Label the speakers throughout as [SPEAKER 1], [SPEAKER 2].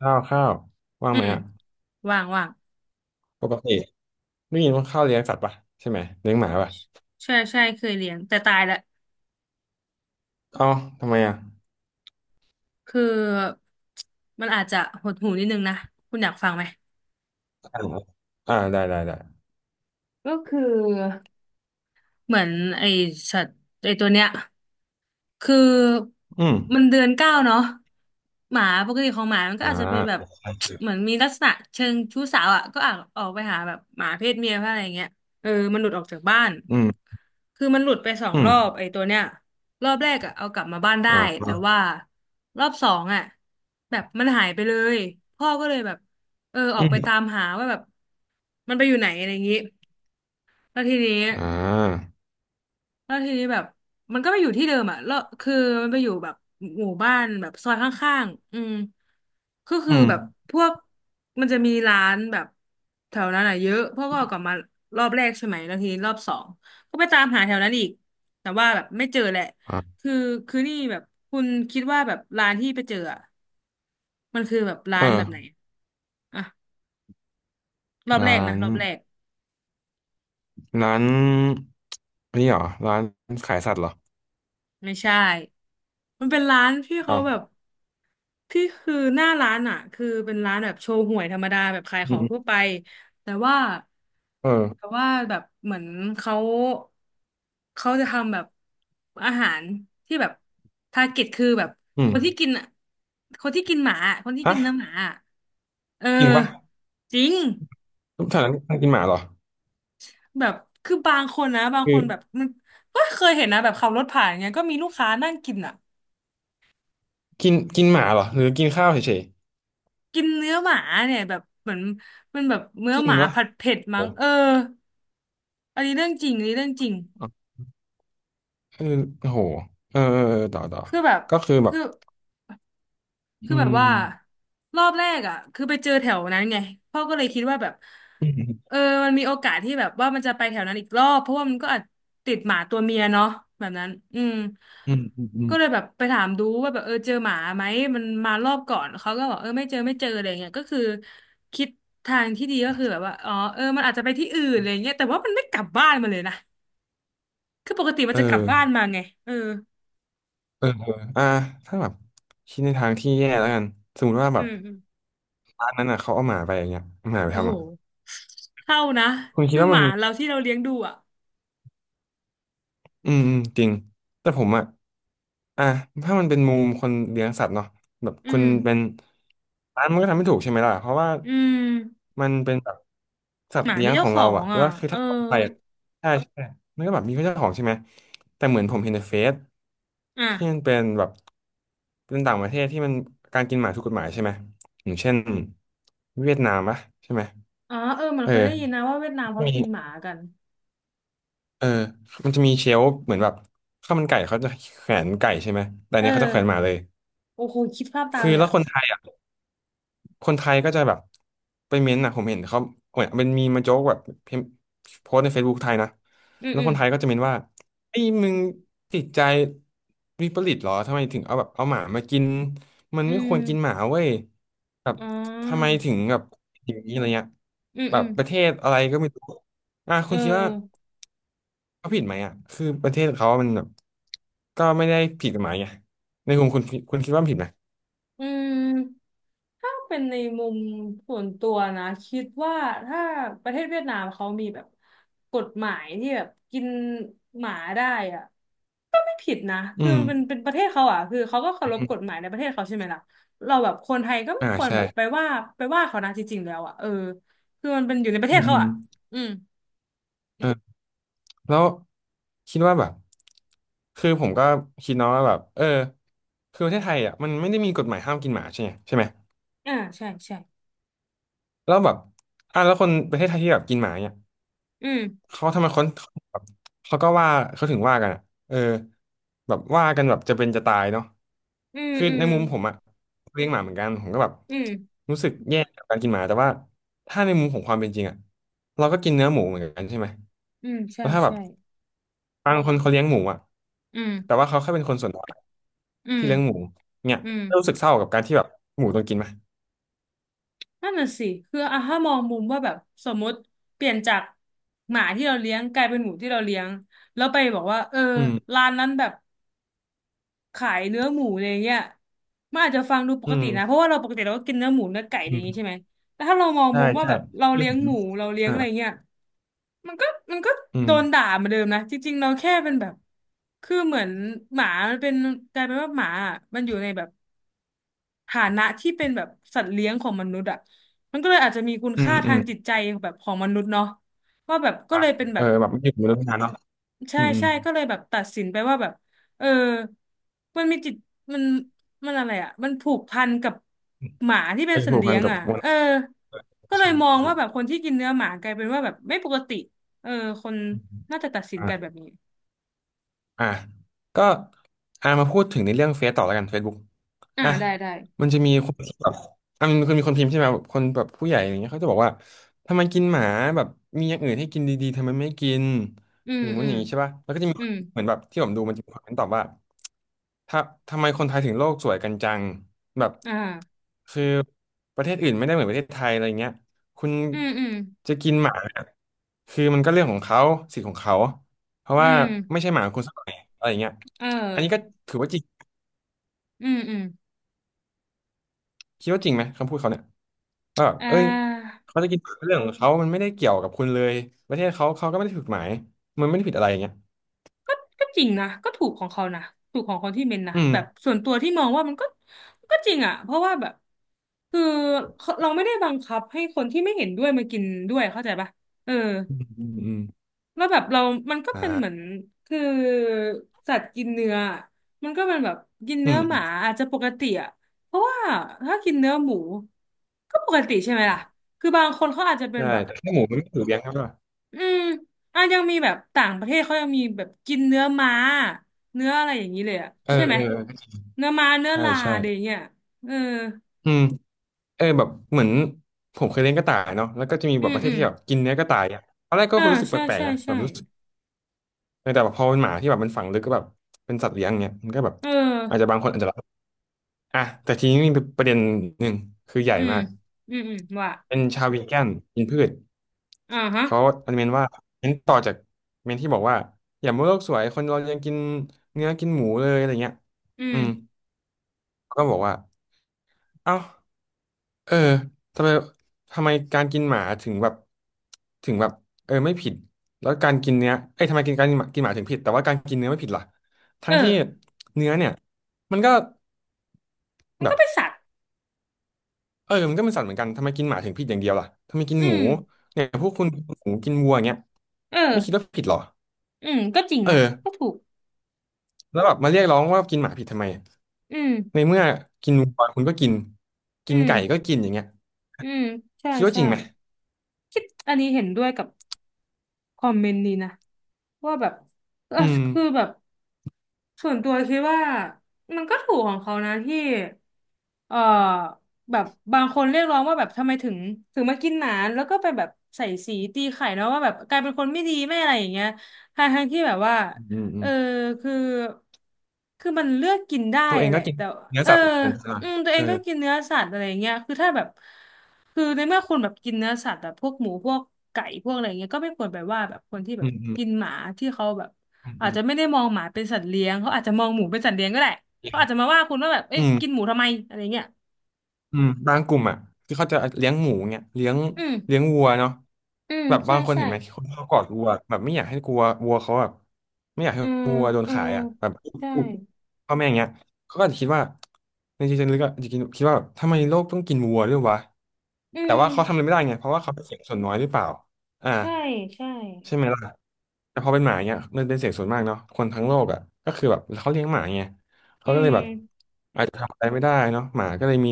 [SPEAKER 1] ข้าวข้าวว่าง
[SPEAKER 2] อื
[SPEAKER 1] ไหม
[SPEAKER 2] ม
[SPEAKER 1] อ่ะ
[SPEAKER 2] ว่างว่าง
[SPEAKER 1] ปกติได้ยินว่าข้าวเลี้ยงสัตว์ป่ะใช่ไหมเลี้ยงหมาป่ะ
[SPEAKER 2] ใช่ใช่เคยเลี้ยงแต่ตายละ
[SPEAKER 1] เอ้าทำไมอ่ะ
[SPEAKER 2] คือมันอาจจะหดหูนิดนึงนะคุณอยากฟังไหม
[SPEAKER 1] อ่าอ่าได้ได้ได้
[SPEAKER 2] ก็คือ เหมือนไอสัตว์ไอตัวเนี้ยคือ
[SPEAKER 1] อืม
[SPEAKER 2] มันเดือนเก้าเนาะหมาปกติของหมามันก็
[SPEAKER 1] อ่า
[SPEAKER 2] อาจจะเป็นแบบ
[SPEAKER 1] ใช่
[SPEAKER 2] เหมือ
[SPEAKER 1] ใช่
[SPEAKER 2] นมีลักษณะเชิงชู้สาวอ่ะก็อาจออกไปหาแบบหมาเพศเมียอะไรอย่างเงี้ยเออมันหลุดออกจากบ้าน
[SPEAKER 1] อืม
[SPEAKER 2] คือมันหลุดไปสอง
[SPEAKER 1] อื
[SPEAKER 2] ร
[SPEAKER 1] ม
[SPEAKER 2] อบไอ้ตัวเนี้ยรอบแรกอ่ะเอากลับมาบ้านได้
[SPEAKER 1] อ่
[SPEAKER 2] แต่
[SPEAKER 1] า
[SPEAKER 2] ว่ารอบสองอ่ะแบบมันหายไปเลยพ่อก็เลยแบบเออออ
[SPEAKER 1] อื
[SPEAKER 2] กไปตา
[SPEAKER 1] ม
[SPEAKER 2] มหาว่าแบบมันไปอยู่ไหนอะไรอย่างงี้แล้วทีนี้
[SPEAKER 1] อ่า
[SPEAKER 2] แล้วทีนี้แบบมันก็ไปอยู่ที่เดิมอ่ะแล้วคือมันไปอยู่แบบหมู่บ้านแบบซอยข้างๆอืมก็คื
[SPEAKER 1] อื
[SPEAKER 2] อ
[SPEAKER 1] ม
[SPEAKER 2] แบบพวกมันจะมีร้านแบบแถวนั้นอ่ะเยอะพวกก็ออกกลับมารอบแรกใช่ไหมแล้วทีนี้รอบสองก็ไปตามหาแถวนั้นอีกแต่ว่าแบบไม่เจอแหละ
[SPEAKER 1] อ่า
[SPEAKER 2] คือคือนี่แบบคุณคิดว่าแบบร้านที่ไปเจออ่ะมันคือแบบร้า
[SPEAKER 1] เอ
[SPEAKER 2] นแบ
[SPEAKER 1] อ
[SPEAKER 2] บไหนอ่ะรอบแรก
[SPEAKER 1] ร้า
[SPEAKER 2] นะ
[SPEAKER 1] น
[SPEAKER 2] รอบแรก
[SPEAKER 1] ร้านนี่เหรอร้านขายสัตว์เหรอ
[SPEAKER 2] ไม่ใช่ มันเป็นร้านที่เขา
[SPEAKER 1] เอ้า
[SPEAKER 2] แบบ ที่คือหน้าร้านอ่ะ คือเป็นร้านแบบโชว์หวยธรรมดาแบบขายข
[SPEAKER 1] อื
[SPEAKER 2] อ
[SPEAKER 1] ม
[SPEAKER 2] ง
[SPEAKER 1] อืม
[SPEAKER 2] ทั่วไป แต่ว่า
[SPEAKER 1] เอ
[SPEAKER 2] แต่
[SPEAKER 1] อ
[SPEAKER 2] ว่าแบบเหมือนเขาเขาจะทำแบบอาหารที่แบบทาร์เก็ตคือแบบ
[SPEAKER 1] อื
[SPEAKER 2] ค
[SPEAKER 1] ม
[SPEAKER 2] นที่กินอะคนที่กินหมาอะคนที่กิ
[SPEAKER 1] ฮะ
[SPEAKER 2] นเนื้อหมาอะเออ
[SPEAKER 1] จริงป่ะ
[SPEAKER 2] จริง
[SPEAKER 1] ทุกแถวนั้นกินหมาเหรอ
[SPEAKER 2] แบบคือบางคนนะบาง
[SPEAKER 1] คื
[SPEAKER 2] ค
[SPEAKER 1] อ
[SPEAKER 2] นแบบมันก็เคยเห็นนะแบบขับรถผ่านเงี้ยก็มีลูกค้านั่งกินอ่ะ
[SPEAKER 1] กินกินหมาเหรอหรือกินข้าวเฉย
[SPEAKER 2] กินเนื้อหมาเนี่ยแบบเหมือนมันแบบเนื้
[SPEAKER 1] ๆ
[SPEAKER 2] อ
[SPEAKER 1] จริ
[SPEAKER 2] ห
[SPEAKER 1] ง
[SPEAKER 2] มา
[SPEAKER 1] ป่ะ
[SPEAKER 2] ผัดเผ็ด
[SPEAKER 1] โอ
[SPEAKER 2] มั้งเอออันนี้เรื่องจริงอันนี้เรื่องจริง
[SPEAKER 1] ้ เออโอ้โหเออเออเออ ต่อต่อ
[SPEAKER 2] คือแบบ
[SPEAKER 1] ก็คือแบ
[SPEAKER 2] คื
[SPEAKER 1] บ
[SPEAKER 2] อ คือ
[SPEAKER 1] อื
[SPEAKER 2] แบบ
[SPEAKER 1] ม
[SPEAKER 2] ว่ารอบแรกอ่ะคือไปเจอแถวนั้นไงพ่อก็เลยคิดว่าแบบ
[SPEAKER 1] อืม
[SPEAKER 2] เออมันมีโอกาสที่แบบว่ามันจะไปแถวนั้นอีกรอบเพราะว่ามันก็อาจติดหมาตัวเมียเนาะแบบนั้นอืม
[SPEAKER 1] อืม อืม อืม
[SPEAKER 2] ก็เลยแบบไปถามดูว่าแบบเออเจอหมาไหมมันมารอบก่อนเขาก็บอกเออไม่เจอไม่เจออะไรเงี้ยก็คือคิดทางที่ดีก็คือแบบว่าอ๋อเออมันอาจจะไปที่อื่นอะไรเงี้ยแต่ว่ามันไม่กลับบ้านมาเลยนะคือปกติมัน
[SPEAKER 1] เอ
[SPEAKER 2] จะกลับบ้าน
[SPEAKER 1] อ
[SPEAKER 2] มาไงเออ
[SPEAKER 1] เออเอออ่ะถ้าแบบคิดในทางที่แย่แล้วกัน สมมติว่า
[SPEAKER 2] อื
[SPEAKER 1] แบบ
[SPEAKER 2] มอืม
[SPEAKER 1] ร้านนั้นอ่ะเขาเอาหมาไปอย่างเงี้ยเอาหมาไป
[SPEAKER 2] โอ้โห
[SPEAKER 1] ทำอ่ะ
[SPEAKER 2] เท่านะ
[SPEAKER 1] คุณคิด
[SPEAKER 2] คือ
[SPEAKER 1] ว่า
[SPEAKER 2] ห
[SPEAKER 1] มัน
[SPEAKER 2] มาเราที่เราเลี้ยงดูอ่ะ
[SPEAKER 1] อืมอืมจริงแต่ผมอ่ะอ่ะถ้ามันเป็นมุมคนเลี้ยงสัตว์เนาะแบบ
[SPEAKER 2] อื
[SPEAKER 1] คุณ
[SPEAKER 2] ม
[SPEAKER 1] เป็นร้านมันก็ทำไม่ถูกใช่ไหมล่ะเพราะว่า
[SPEAKER 2] อืม
[SPEAKER 1] มันเป็นแบบสัต
[SPEAKER 2] ห
[SPEAKER 1] ว์
[SPEAKER 2] มา
[SPEAKER 1] เลี้ย
[SPEAKER 2] มี
[SPEAKER 1] งข
[SPEAKER 2] เจ้า
[SPEAKER 1] อง
[SPEAKER 2] ขอ
[SPEAKER 1] เรา
[SPEAKER 2] ง
[SPEAKER 1] อ่ะแล้
[SPEAKER 2] อ่ะ
[SPEAKER 1] วคือ
[SPEAKER 2] เออ
[SPEAKER 1] ถ้าออกไปอะใช่ใช่มันก็แบบมีเจ้าของใช่ไหมแต่เหมือนผมเห็นในเฟซที่มั
[SPEAKER 2] อ่ะ
[SPEAKER 1] นเป็นแบบเป็นต่างประเทศที่มันการกินหมาถูกกฎหมายใช่ไหมอย่างเช่นเวียดนามปะใช่ไหม
[SPEAKER 2] อ๋อเออเหมัน
[SPEAKER 1] เอ
[SPEAKER 2] เคยได้ยิน
[SPEAKER 1] อ
[SPEAKER 2] นะว่าเวียดนามเขา
[SPEAKER 1] มี
[SPEAKER 2] กินหมากัน
[SPEAKER 1] เออมันจะมีเชลฟ์เหมือนแบบข้าวมันไก่เขาจะแขวนไก่ใช่ไหมแต่อัน
[SPEAKER 2] เออ
[SPEAKER 1] เนี้ยเขาจะแขวนหมาเลย
[SPEAKER 2] โอ้โหคิดภาพตาม
[SPEAKER 1] คือ
[SPEAKER 2] เลย
[SPEAKER 1] แล้ว
[SPEAKER 2] อ่ะ
[SPEAKER 1] คนไทยอ่ะคนไทยก็จะแบบไปเม้นต์อ่ะผมเห็นเขาเหมือนมันมีมาโจ๊กแบบพิมพ์โพสต์ใน Facebook ไทยนะ
[SPEAKER 2] อืม
[SPEAKER 1] แล้ว
[SPEAKER 2] อื
[SPEAKER 1] ค
[SPEAKER 2] ม
[SPEAKER 1] นไทยก็จะเม้นว่าไอ้มึงติดใจวิปริตเหรอ ทำไมถึงเอาแบบเอาหมามากิน มัน
[SPEAKER 2] อื
[SPEAKER 1] ไม่ค
[SPEAKER 2] ม
[SPEAKER 1] วรกินหมาเว้ยแบบ
[SPEAKER 2] อ๋อ
[SPEAKER 1] ทำไมถึงแบบอย่างนี้อะไรเงี้ย
[SPEAKER 2] อืม
[SPEAKER 1] แบ
[SPEAKER 2] อื
[SPEAKER 1] บ
[SPEAKER 2] ม
[SPEAKER 1] ประเทศอะไรก็ไม่รู้อ่ะคุ
[SPEAKER 2] เอ
[SPEAKER 1] ณคิดว่า
[SPEAKER 2] อ
[SPEAKER 1] เขาผิดไหมอ่ะคือประเทศเขามันแบบก็ไม่ได้ผิดกฎหมายไงในมุมคุณคุณคิดว่ามันผิดไหม
[SPEAKER 2] อืมถ้าเป็นในมุมส่วนตัวนะคิดว่าถ้าประเทศเวียดนามเขามีแบบกฎหมายที่แบบกินหมาได้อ่ะก็ไม่ผิดนะคือ
[SPEAKER 1] อืม
[SPEAKER 2] มันเป็นประเทศเขาอ่ะคือเขาก็เคา
[SPEAKER 1] อื
[SPEAKER 2] รพ
[SPEAKER 1] ม
[SPEAKER 2] กฎหมายในประเทศเขาใช่ไหมล่ะเราแบบคนไทยก็ไม่
[SPEAKER 1] อ่า
[SPEAKER 2] ควร
[SPEAKER 1] ใช่
[SPEAKER 2] แบบไปว่าเขานะจริงๆแล้วอ่ะเออคือมันเป็นอยู่ในประเท
[SPEAKER 1] อื
[SPEAKER 2] ศ
[SPEAKER 1] มอื
[SPEAKER 2] เขา
[SPEAKER 1] ม
[SPEAKER 2] อ่ะอืม
[SPEAKER 1] เออแล้วคิดว่าแบบคือผมก็คิดเนาะว่าแบบเออคือประเทศไทยอ่ะมันไม่ได้มีกฎหมายห้ามกินหมาใช่ไหม
[SPEAKER 2] อ่าใช่ใช่
[SPEAKER 1] แล้วแบบอ่ะแล้วคนประเทศไทยที่แบบกินหมาเนี่ย
[SPEAKER 2] อืม
[SPEAKER 1] เขาทำไมคนแบบเขาก็ว่าเขาถึงว่ากันอะเออแบบว่ากันแบบจะเป็นจะตายเนาะ
[SPEAKER 2] อืม
[SPEAKER 1] คือ
[SPEAKER 2] อื
[SPEAKER 1] ใน
[SPEAKER 2] ม
[SPEAKER 1] มุมผมอะเลี้ยงหมาเหมือนกันผมก็แบบ
[SPEAKER 2] อืม
[SPEAKER 1] รู้สึกแย่กับการกินหมาแต่ว่าถ้าในมุมของความเป็นจริงอะเราก็กินเนื้อหมูเหมือนกันใช่ไหม
[SPEAKER 2] อืมใช่
[SPEAKER 1] แล้วถ้าแบบ
[SPEAKER 2] ใช่
[SPEAKER 1] บางคนเขาเลี้ยงหมูอะ
[SPEAKER 2] อื
[SPEAKER 1] แต่
[SPEAKER 2] ม
[SPEAKER 1] ว่าเขาแค่เป็นคนส่วนน้อย
[SPEAKER 2] อืม
[SPEAKER 1] ที่เลี้ยงหมูเนี่ย
[SPEAKER 2] อืม
[SPEAKER 1] รู้สึกเศร้ากับการที่แบบหมูต้องกินไหม
[SPEAKER 2] นั่นน่ะสิคืออ่ะถ้ามองมุมว่าแบบสมมติเปลี่ยนจากหมาที่เราเลี้ยงกลายเป็นหมูที่เราเลี้ยงแล้วไปบอกว่าเออ
[SPEAKER 1] อืม
[SPEAKER 2] ร้านนั้นแบบขายเนื้อหมูอะไรเงี้ยมันอาจจะฟังดูป
[SPEAKER 1] อื
[SPEAKER 2] กตินะเพ
[SPEAKER 1] ม
[SPEAKER 2] ราะว่าเราปกติเราก็กินเนื้อหมูเนื้อไก่อะไรอ
[SPEAKER 1] อื
[SPEAKER 2] ย่างงี้
[SPEAKER 1] ม
[SPEAKER 2] ใช่ไหมแต่ถ้าเรามอง
[SPEAKER 1] ใช่
[SPEAKER 2] มุมว่า
[SPEAKER 1] ใช่
[SPEAKER 2] แบบเรา
[SPEAKER 1] คือ
[SPEAKER 2] เลี้ยง
[SPEAKER 1] ผม
[SPEAKER 2] หมูเราเลี้ยง
[SPEAKER 1] อ่า
[SPEAKER 2] อะไรเงี้ยมันก็มันก็
[SPEAKER 1] อื
[SPEAKER 2] โด
[SPEAKER 1] ม
[SPEAKER 2] นด่าเหมาเดิมนะจริงๆเราแค่เป็นแบบคือเหมือนหมามันเป็นกลายเป็นว่าหมาอะมันอยู่ในแบบ ฐานะที่เป็นแบบสัตว์เลี้ยงของมนุษย์อ่ะมันก็เลยอาจจะมีคุณ
[SPEAKER 1] อื
[SPEAKER 2] ค่า
[SPEAKER 1] มอื
[SPEAKER 2] ทาง
[SPEAKER 1] ม
[SPEAKER 2] จิตใจแบบของมนุษย์เนาะว่าแบบ
[SPEAKER 1] ค
[SPEAKER 2] ก็
[SPEAKER 1] รั
[SPEAKER 2] เล
[SPEAKER 1] บ
[SPEAKER 2] ยเป็นแบ
[SPEAKER 1] เออ
[SPEAKER 2] บ
[SPEAKER 1] แบบไม่อยู่บนรถนานเนาะ
[SPEAKER 2] ใช่
[SPEAKER 1] อืมอืม
[SPEAKER 2] ใช่ก็เลยแบบตัดสินไปว่าแบบเออมันมีจิตมันอะไรอ่ะมันผูกพันกับหมาที่เป็น
[SPEAKER 1] ไอ้
[SPEAKER 2] สัต
[SPEAKER 1] ผู
[SPEAKER 2] ว์
[SPEAKER 1] ก
[SPEAKER 2] เลี้
[SPEAKER 1] พั
[SPEAKER 2] ย
[SPEAKER 1] น
[SPEAKER 2] ง
[SPEAKER 1] กับ
[SPEAKER 2] อ่ะ
[SPEAKER 1] วัน
[SPEAKER 2] เออก็เล
[SPEAKER 1] ใช่
[SPEAKER 2] ยมอง
[SPEAKER 1] ใช่
[SPEAKER 2] ว่าแบบคนที่กินเนื้อหมากลายเป็นว่าแบบไม่ปกติเออคนน่าจะตัดสินกันแบ
[SPEAKER 1] อ่า
[SPEAKER 2] บนี้
[SPEAKER 1] อ่ะก็อ่ะมาพูดถึงในเรื่องเฟซต่อแล้วกัน Facebook
[SPEAKER 2] อ่า
[SPEAKER 1] อ่ะ
[SPEAKER 2] ได้ได้
[SPEAKER 1] มันจะมีคนแบบอ่ะมันคือมีคนพิมพ์ใช่ไหมแบบคนแบบผู้ใหญ่อย่างเงี้ยเขาจะบอกว่าทำไมกินหมาแบบมีอย่างอื่นให้กินดีๆทำไมไม่กิน
[SPEAKER 2] อืม
[SPEAKER 1] อย่างงู้
[SPEAKER 2] อื
[SPEAKER 1] นอ
[SPEAKER 2] ม
[SPEAKER 1] ย่างนี้ใช่ป่ะแล้วก็จะมี
[SPEAKER 2] อืม
[SPEAKER 1] เหมือนแบบที่ผมดูมันจะมีคนตอบว่าถ้าทำไมคนไทยถึงโลกสวยกันจังแบบ
[SPEAKER 2] อ่า
[SPEAKER 1] คือประเทศอื่นไม่ได้เหมือนประเทศไทยอะไรเงี้ยคุณ
[SPEAKER 2] อืมอืม
[SPEAKER 1] จะกินหมาเนี่ยคือมันก็เรื่องของเขาสิทธิ์ของเขา เพราะ
[SPEAKER 2] อื
[SPEAKER 1] ว่า
[SPEAKER 2] ม
[SPEAKER 1] ไม่ใช่หมาของคุณสักหน่อยอะไรอย่างเงี้ย
[SPEAKER 2] เออ
[SPEAKER 1] อันนี้ก็ถือว่าจริง
[SPEAKER 2] อืมอืม
[SPEAKER 1] คิดว่าจริงไหมคำพูดเขาเนี่ยว่าแบบ
[SPEAKER 2] อ่
[SPEAKER 1] เอ้ย
[SPEAKER 2] า
[SPEAKER 1] เขาจะกินหมาเป็นเรื่องของเขามันไม่ได้เกี่ยวกับคุณเลยประเทศเขาเขาก็ไม่ได้ผิดกฎหมายมันไม่ได้ผิดอะไรอย่างเงี้ย
[SPEAKER 2] ก็ก็จริงนะก็ถูกของเขานะถูกของคนที่เมนนะ
[SPEAKER 1] อืม
[SPEAKER 2] แบบส่วนตัวที่มองว่ามันก็จริงอ่ะเพราะว่าแบบคือเราไม่ได้บังคับให้คนที่ไม่เห็นด้วยมากินด้วยเข้าใจปะเออ
[SPEAKER 1] อืมอืม
[SPEAKER 2] แล้วแบบเรามันก็เป็นเหมือน
[SPEAKER 1] อ่า
[SPEAKER 2] คือสัตว์กินเนื้อมันก็เป็นแบบกิน
[SPEAKER 1] อื
[SPEAKER 2] เนื้อ
[SPEAKER 1] ม
[SPEAKER 2] ห
[SPEAKER 1] อื
[SPEAKER 2] มา
[SPEAKER 1] ม
[SPEAKER 2] อาจจะปกติอ่ะเพราะว่าถ้ากินเนื้อหมูก็ปกติใช่ไหมล่ะคือบางคนเขาอาจจะเป็น
[SPEAKER 1] ใช่
[SPEAKER 2] แบบ
[SPEAKER 1] แต่แค่หมูมันไม่ถูกเลี้ยงครับว่า
[SPEAKER 2] อืมอ่ะยังมีแบบต่างประเทศเขายังมีแบบกินเนื้อม้าเนื้ออะไรอย่างนี้เลยอะ
[SPEAKER 1] เออ
[SPEAKER 2] ใช่ไหม
[SPEAKER 1] เออ
[SPEAKER 2] เนื้อม้าเนื้อ
[SPEAKER 1] ใช่
[SPEAKER 2] ลา
[SPEAKER 1] ใช่
[SPEAKER 2] อะไรอย่างเงี้ยเออ
[SPEAKER 1] อืมเออแบบเหมือนผมเคยเลี้ยงกระต่ายเนาะแล้วก็จะมีแบ
[SPEAKER 2] อื
[SPEAKER 1] บป
[SPEAKER 2] ม
[SPEAKER 1] ระเทศ
[SPEAKER 2] อืม
[SPEAKER 1] ที่แบบกินเนื้อกระต่ายอ่ะตอนแรกก็
[SPEAKER 2] เออ
[SPEAKER 1] รู้สึกแป
[SPEAKER 2] ใช่
[SPEAKER 1] ลก
[SPEAKER 2] ใช่
[SPEAKER 1] ๆนะแบ
[SPEAKER 2] ใช่
[SPEAKER 1] บรู้สึกแต่แบบพอเป็นหมาที่แบบมันฝังลึกก็แบบเป็นสัตว์เลี้ยงเงี้ยมันก็แบบ
[SPEAKER 2] เออ
[SPEAKER 1] อาจจะบางคนอาจจะ อ่ะแต่ทีนี้มีประเด็นหนึ่งคือใหญ่
[SPEAKER 2] อืม
[SPEAKER 1] มาก
[SPEAKER 2] อืมอืมว่ะ
[SPEAKER 1] เป็นชาววีแกนกินพืช
[SPEAKER 2] อ่าฮะ
[SPEAKER 1] เขาอนุเมนว่าเน้นต่อจากเมนที่บอกว่าอย่ามัวโลกสวยคนเรายังกินเนื้อกินหมูเลยอะไรเงี้ย
[SPEAKER 2] อื
[SPEAKER 1] อื
[SPEAKER 2] ม
[SPEAKER 1] มก็บอกว่าเอ้าเออทำไมทำไมการกินหมาถึงแบบถึงแบบเออไม่ผิดแล้วการกินเนื้อเอ้ยทำไมกินการกินหมาถึงผิดแต่ว่าการกินเนื้อไม่ผิดล่ะ
[SPEAKER 2] เอ
[SPEAKER 1] ทั้งที่
[SPEAKER 2] อ
[SPEAKER 1] เนื้อเนี่ยมันก็
[SPEAKER 2] มันก็
[SPEAKER 1] แบบ
[SPEAKER 2] เป็นสัตว์
[SPEAKER 1] เออมันก็เป็นสัตว์เหมือนกันทำไมกินหมาถึงผิดอย่างเดียวล่ะทำไมกิน
[SPEAKER 2] อื
[SPEAKER 1] หมู
[SPEAKER 2] ม
[SPEAKER 1] เนี่ยพวกคุณกินหมูกินวัวอย่างเงี้ย
[SPEAKER 2] เอ
[SPEAKER 1] ไม่คิดว่า
[SPEAKER 2] อ
[SPEAKER 1] ผิดหรอ
[SPEAKER 2] อืมก็จริง
[SPEAKER 1] เออ
[SPEAKER 2] นะก็ถูก
[SPEAKER 1] แล้วแบบมาเรียกร้องว่ากินหมาผิดทำไม
[SPEAKER 2] อืม
[SPEAKER 1] ในเมื่อกินวัวคุณก็กิน
[SPEAKER 2] อื
[SPEAKER 1] กิน
[SPEAKER 2] ม
[SPEAKER 1] ไก่ก็กินอย่างเงี้ย
[SPEAKER 2] อืมใช่
[SPEAKER 1] คิดว่าจ
[SPEAKER 2] ใช่
[SPEAKER 1] ริงไหม
[SPEAKER 2] คิดอันนี้เห็นด้วยกับคอมเมนต์นี้นะว่าแบบเออ
[SPEAKER 1] อืม
[SPEAKER 2] คือแบบ ส่วนตัวคิดว่ามันก็ถูกของเขานะที่ เอ่อแบบบางคนเรียกร้องว่าแบบทำไมถึงมากินหนานแล้วก็ไปแบบใส่สีตีไข่เนาะว่าแบบกลายเป็นคนไม่ดีไม่อะไรอย่างเงี้ยทั้งที่แบบว่า
[SPEAKER 1] อืมอื
[SPEAKER 2] เออ
[SPEAKER 1] ม
[SPEAKER 2] คือคือมันเลือกกินได้
[SPEAKER 1] ตัวเอง
[SPEAKER 2] แห
[SPEAKER 1] ก็
[SPEAKER 2] ละ
[SPEAKER 1] กิน
[SPEAKER 2] แต่
[SPEAKER 1] เนื้อ
[SPEAKER 2] เออ
[SPEAKER 1] สัตว์เหมือนกันใช่ไหม
[SPEAKER 2] อืมตัวเอ
[SPEAKER 1] เออ
[SPEAKER 2] งก็กินเนื้อสัตว์อะไรอย่างเงี้ยคือถ้าแบบคือในเมื่อคนแบบกินเนื้อสัตว์แบบพวกหมูพวกไก่พวกอะไรอย่างเงี้ยก็ไม่ควรไปว่าแบบคนที่แบ
[SPEAKER 1] อื
[SPEAKER 2] บ
[SPEAKER 1] มอืม
[SPEAKER 2] กินหมาที่เขาแบบ
[SPEAKER 1] อื
[SPEAKER 2] อาจ
[SPEAKER 1] ม
[SPEAKER 2] จะไม่ได้มองหมาเป็นสัตว์เลี้ยงเขาอาจจะมองหมูเป็นสัตว์เลี้ยงก็ได้ เขาอาจจะมาว่าคุณว่าแบบ
[SPEAKER 1] อื
[SPEAKER 2] เอ๊ะกินห
[SPEAKER 1] ม
[SPEAKER 2] มูทำไมอะไรเงี้ย
[SPEAKER 1] อืมบางกลุ่มอ่ะที่เขาจะเลี้ยงหมูเนี่ยเลี้ยง
[SPEAKER 2] อืม
[SPEAKER 1] เลี้ยงวัวเนาะ
[SPEAKER 2] อืม
[SPEAKER 1] แบบ
[SPEAKER 2] ใช่
[SPEAKER 1] บางคน
[SPEAKER 2] ใช่
[SPEAKER 1] เห็นไหมที่เขากอดวัวแบบไม่อยากให้กลัววัวเขาแบบไม่อยากให้
[SPEAKER 2] อืม
[SPEAKER 1] วัวโดน
[SPEAKER 2] อื
[SPEAKER 1] ขา
[SPEAKER 2] ม
[SPEAKER 1] ยอ่ะแบบ
[SPEAKER 2] ใช่
[SPEAKER 1] อุ๊บพ่อแม่อย่างเงี้ยเขาก็อาจจะคิดว่าในใจลึกๆอะอาจจะคิดว่าแบบทำไมโลกต้องกินวัวด้วยวะ
[SPEAKER 2] อื
[SPEAKER 1] แต่
[SPEAKER 2] ม
[SPEAKER 1] ว่าเขาทำอะไรไม่ได้ไงเพราะว่าเขาเป็นเสียงส่วนน้อยหรือเปล่าอ่า
[SPEAKER 2] ใช่ใช่
[SPEAKER 1] ใช่ไหมล่ะแต่พอเป็นหมาเนี่ยมันเป็นเสียงส่วนมากเนาะคนทั้งโลกอ่ะก็คือแบบเขาเลี้ยงหมาไง
[SPEAKER 2] อื
[SPEAKER 1] เขาก็เลยแบบ
[SPEAKER 2] ม
[SPEAKER 1] อาจจะทำอะไรไม่ได้เนาะหมาก็เลยมี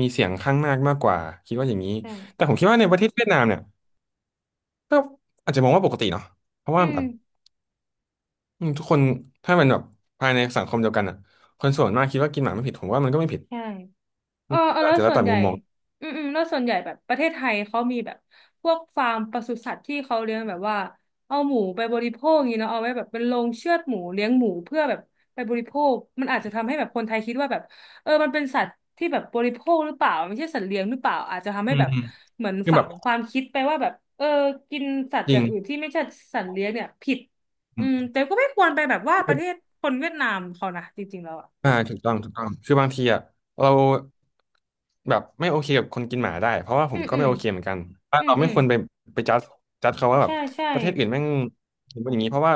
[SPEAKER 1] มีเสียงข้างมากมากกว่าคิดว่าอย่างนี้
[SPEAKER 2] ใช่
[SPEAKER 1] แต่ผมคิดว่าในประเทศเวียดนามเนี่ยก็อาจจะมองว่าปกติเนาะเพราะ
[SPEAKER 2] อื
[SPEAKER 1] ว่าแบ
[SPEAKER 2] ม
[SPEAKER 1] บอืมทุกคนถ้ามันแบบภายในสังคมเดียวกันอ่ะคนส่วนมากคิดว่ากินหมาไม่ผิดผมว่ามันก็ไม่ผิด
[SPEAKER 2] ใช่ เอ
[SPEAKER 1] อื
[SPEAKER 2] อ
[SPEAKER 1] ม
[SPEAKER 2] เออ
[SPEAKER 1] ก็อา
[SPEAKER 2] แล้
[SPEAKER 1] จ
[SPEAKER 2] ว
[SPEAKER 1] จะแล้ว
[SPEAKER 2] ส่วน
[SPEAKER 1] แต่
[SPEAKER 2] ให
[SPEAKER 1] มุ
[SPEAKER 2] ญ่
[SPEAKER 1] มมอง
[SPEAKER 2] อืมอืมแล้วส่วนใหญ่แบบประเทศไทยเขามีแบบพวกฟาร์มปศุสัตว์ที่เขาเลี้ยงแบบว่าเอาหมูไปบริโภคอย่างนี้เนาะเอาไว้แบบเป็นโรงเชือดหมูเลี้ยงหมูเพื่อแบบไปบริโภคมันอาจจะทำให้แบบคนไทยคิดว่าแบบเออมันเป็นสัตว์ที่แบบบริโภคหรือเปล่าไม่ใช่สัตว์เลี้ยงหรือเปล่าอาจจะทำ
[SPEAKER 1] อื
[SPEAKER 2] ให้
[SPEAKER 1] ม
[SPEAKER 2] แบบ
[SPEAKER 1] อืม
[SPEAKER 2] เหมือน
[SPEAKER 1] คือ
[SPEAKER 2] ฝั
[SPEAKER 1] แบบ
[SPEAKER 2] งความคิดไปว่าแบบเออกินสัตว์
[SPEAKER 1] จ
[SPEAKER 2] อ
[SPEAKER 1] ริง
[SPEAKER 2] ย่างอื่นที่ไม่ใช่สัตว์เลี้ยงเนี่ยผิดอืมแต่ก็ไม่ควรไปแบบว่าประเทศคนเวียดนามเขานะจริงๆแล้วอ่ะ
[SPEAKER 1] อ่าถูกต้องถูกต้องคือบางทีอ่ะเราแบบไม่โอเคกับคนกินหมาได้เพราะว่าผ
[SPEAKER 2] อื
[SPEAKER 1] ม
[SPEAKER 2] ม
[SPEAKER 1] ก็
[SPEAKER 2] อื
[SPEAKER 1] ไม่
[SPEAKER 2] ม
[SPEAKER 1] โอเคเหมือนกันว่า
[SPEAKER 2] อืม
[SPEAKER 1] เรา
[SPEAKER 2] อื
[SPEAKER 1] ไม่
[SPEAKER 2] ม
[SPEAKER 1] ควรไปไปจัดเขาว่าแบ
[SPEAKER 2] ใช่
[SPEAKER 1] บ
[SPEAKER 2] ใช่
[SPEAKER 1] ประเทศอื่นแม่งเป็นอย่างนี้เพราะว่า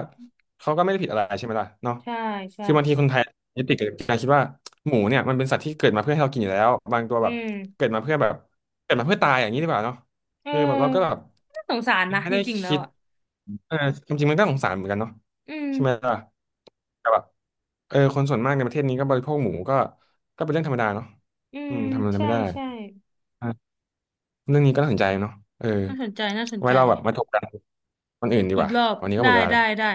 [SPEAKER 1] เขาก็ไม่ได้ผิดอะไรใช่ไหมล่ะเนาะ
[SPEAKER 2] ใช่ใช่
[SPEAKER 1] คือบางทีคนไทยยึดติดกับการคิดว่าหมูเนี่ยมันเป็นสัตว์ที่เกิดมาเพื่อให้เรากินอยู่แล้วบางตัว
[SPEAKER 2] อื
[SPEAKER 1] แบบ
[SPEAKER 2] ม
[SPEAKER 1] เกิดมาเพื่อแบบเกิดมาเพื่อตายอย่างนี้ดีกว่าเนาะ
[SPEAKER 2] เอ
[SPEAKER 1] คือแบบเราก็แบบ
[SPEAKER 2] อน่าสงสารนะ
[SPEAKER 1] ไม่
[SPEAKER 2] จ
[SPEAKER 1] ได้
[SPEAKER 2] ริงๆแล้ว
[SPEAKER 1] คิด
[SPEAKER 2] อ่ะ
[SPEAKER 1] เออความจริงมันก็สงสารเหมือนกันเนาะ
[SPEAKER 2] อืม
[SPEAKER 1] ใช่ไหมล่ะแต่แบบเออคนส่วนมากในประเทศนี้ก็บริโภคหมูก็ก็เป็นเรื่องธรรมดาเนาะ
[SPEAKER 2] อื
[SPEAKER 1] อื
[SPEAKER 2] ม
[SPEAKER 1] มทำอะไร
[SPEAKER 2] ใช่
[SPEAKER 1] ไม่ได้
[SPEAKER 2] ใช่
[SPEAKER 1] อ่ะเรื่องนี้ก็น่าสนใจเนาะเออ
[SPEAKER 2] น่าสนใจน่าสน
[SPEAKER 1] ไว้
[SPEAKER 2] ใจ
[SPEAKER 1] เราแบบมาถกกันคนอื่นดี
[SPEAKER 2] อี
[SPEAKER 1] ก
[SPEAKER 2] ก
[SPEAKER 1] ว่า
[SPEAKER 2] รอบ
[SPEAKER 1] วันนี้ก็หม
[SPEAKER 2] ได้
[SPEAKER 1] ดเวลา
[SPEAKER 2] ได้
[SPEAKER 1] แล้ว
[SPEAKER 2] ได้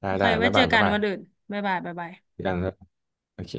[SPEAKER 1] ได้
[SPEAKER 2] โอเค
[SPEAKER 1] ได้
[SPEAKER 2] ไว้
[SPEAKER 1] บ๊าย
[SPEAKER 2] เจ
[SPEAKER 1] บา
[SPEAKER 2] อ
[SPEAKER 1] ย
[SPEAKER 2] กั
[SPEAKER 1] บ๊าย
[SPEAKER 2] น
[SPEAKER 1] บา
[SPEAKER 2] วันอื่น
[SPEAKER 1] ย
[SPEAKER 2] บ๊ายบายบ๊ายบาย
[SPEAKER 1] เจอกันโอเค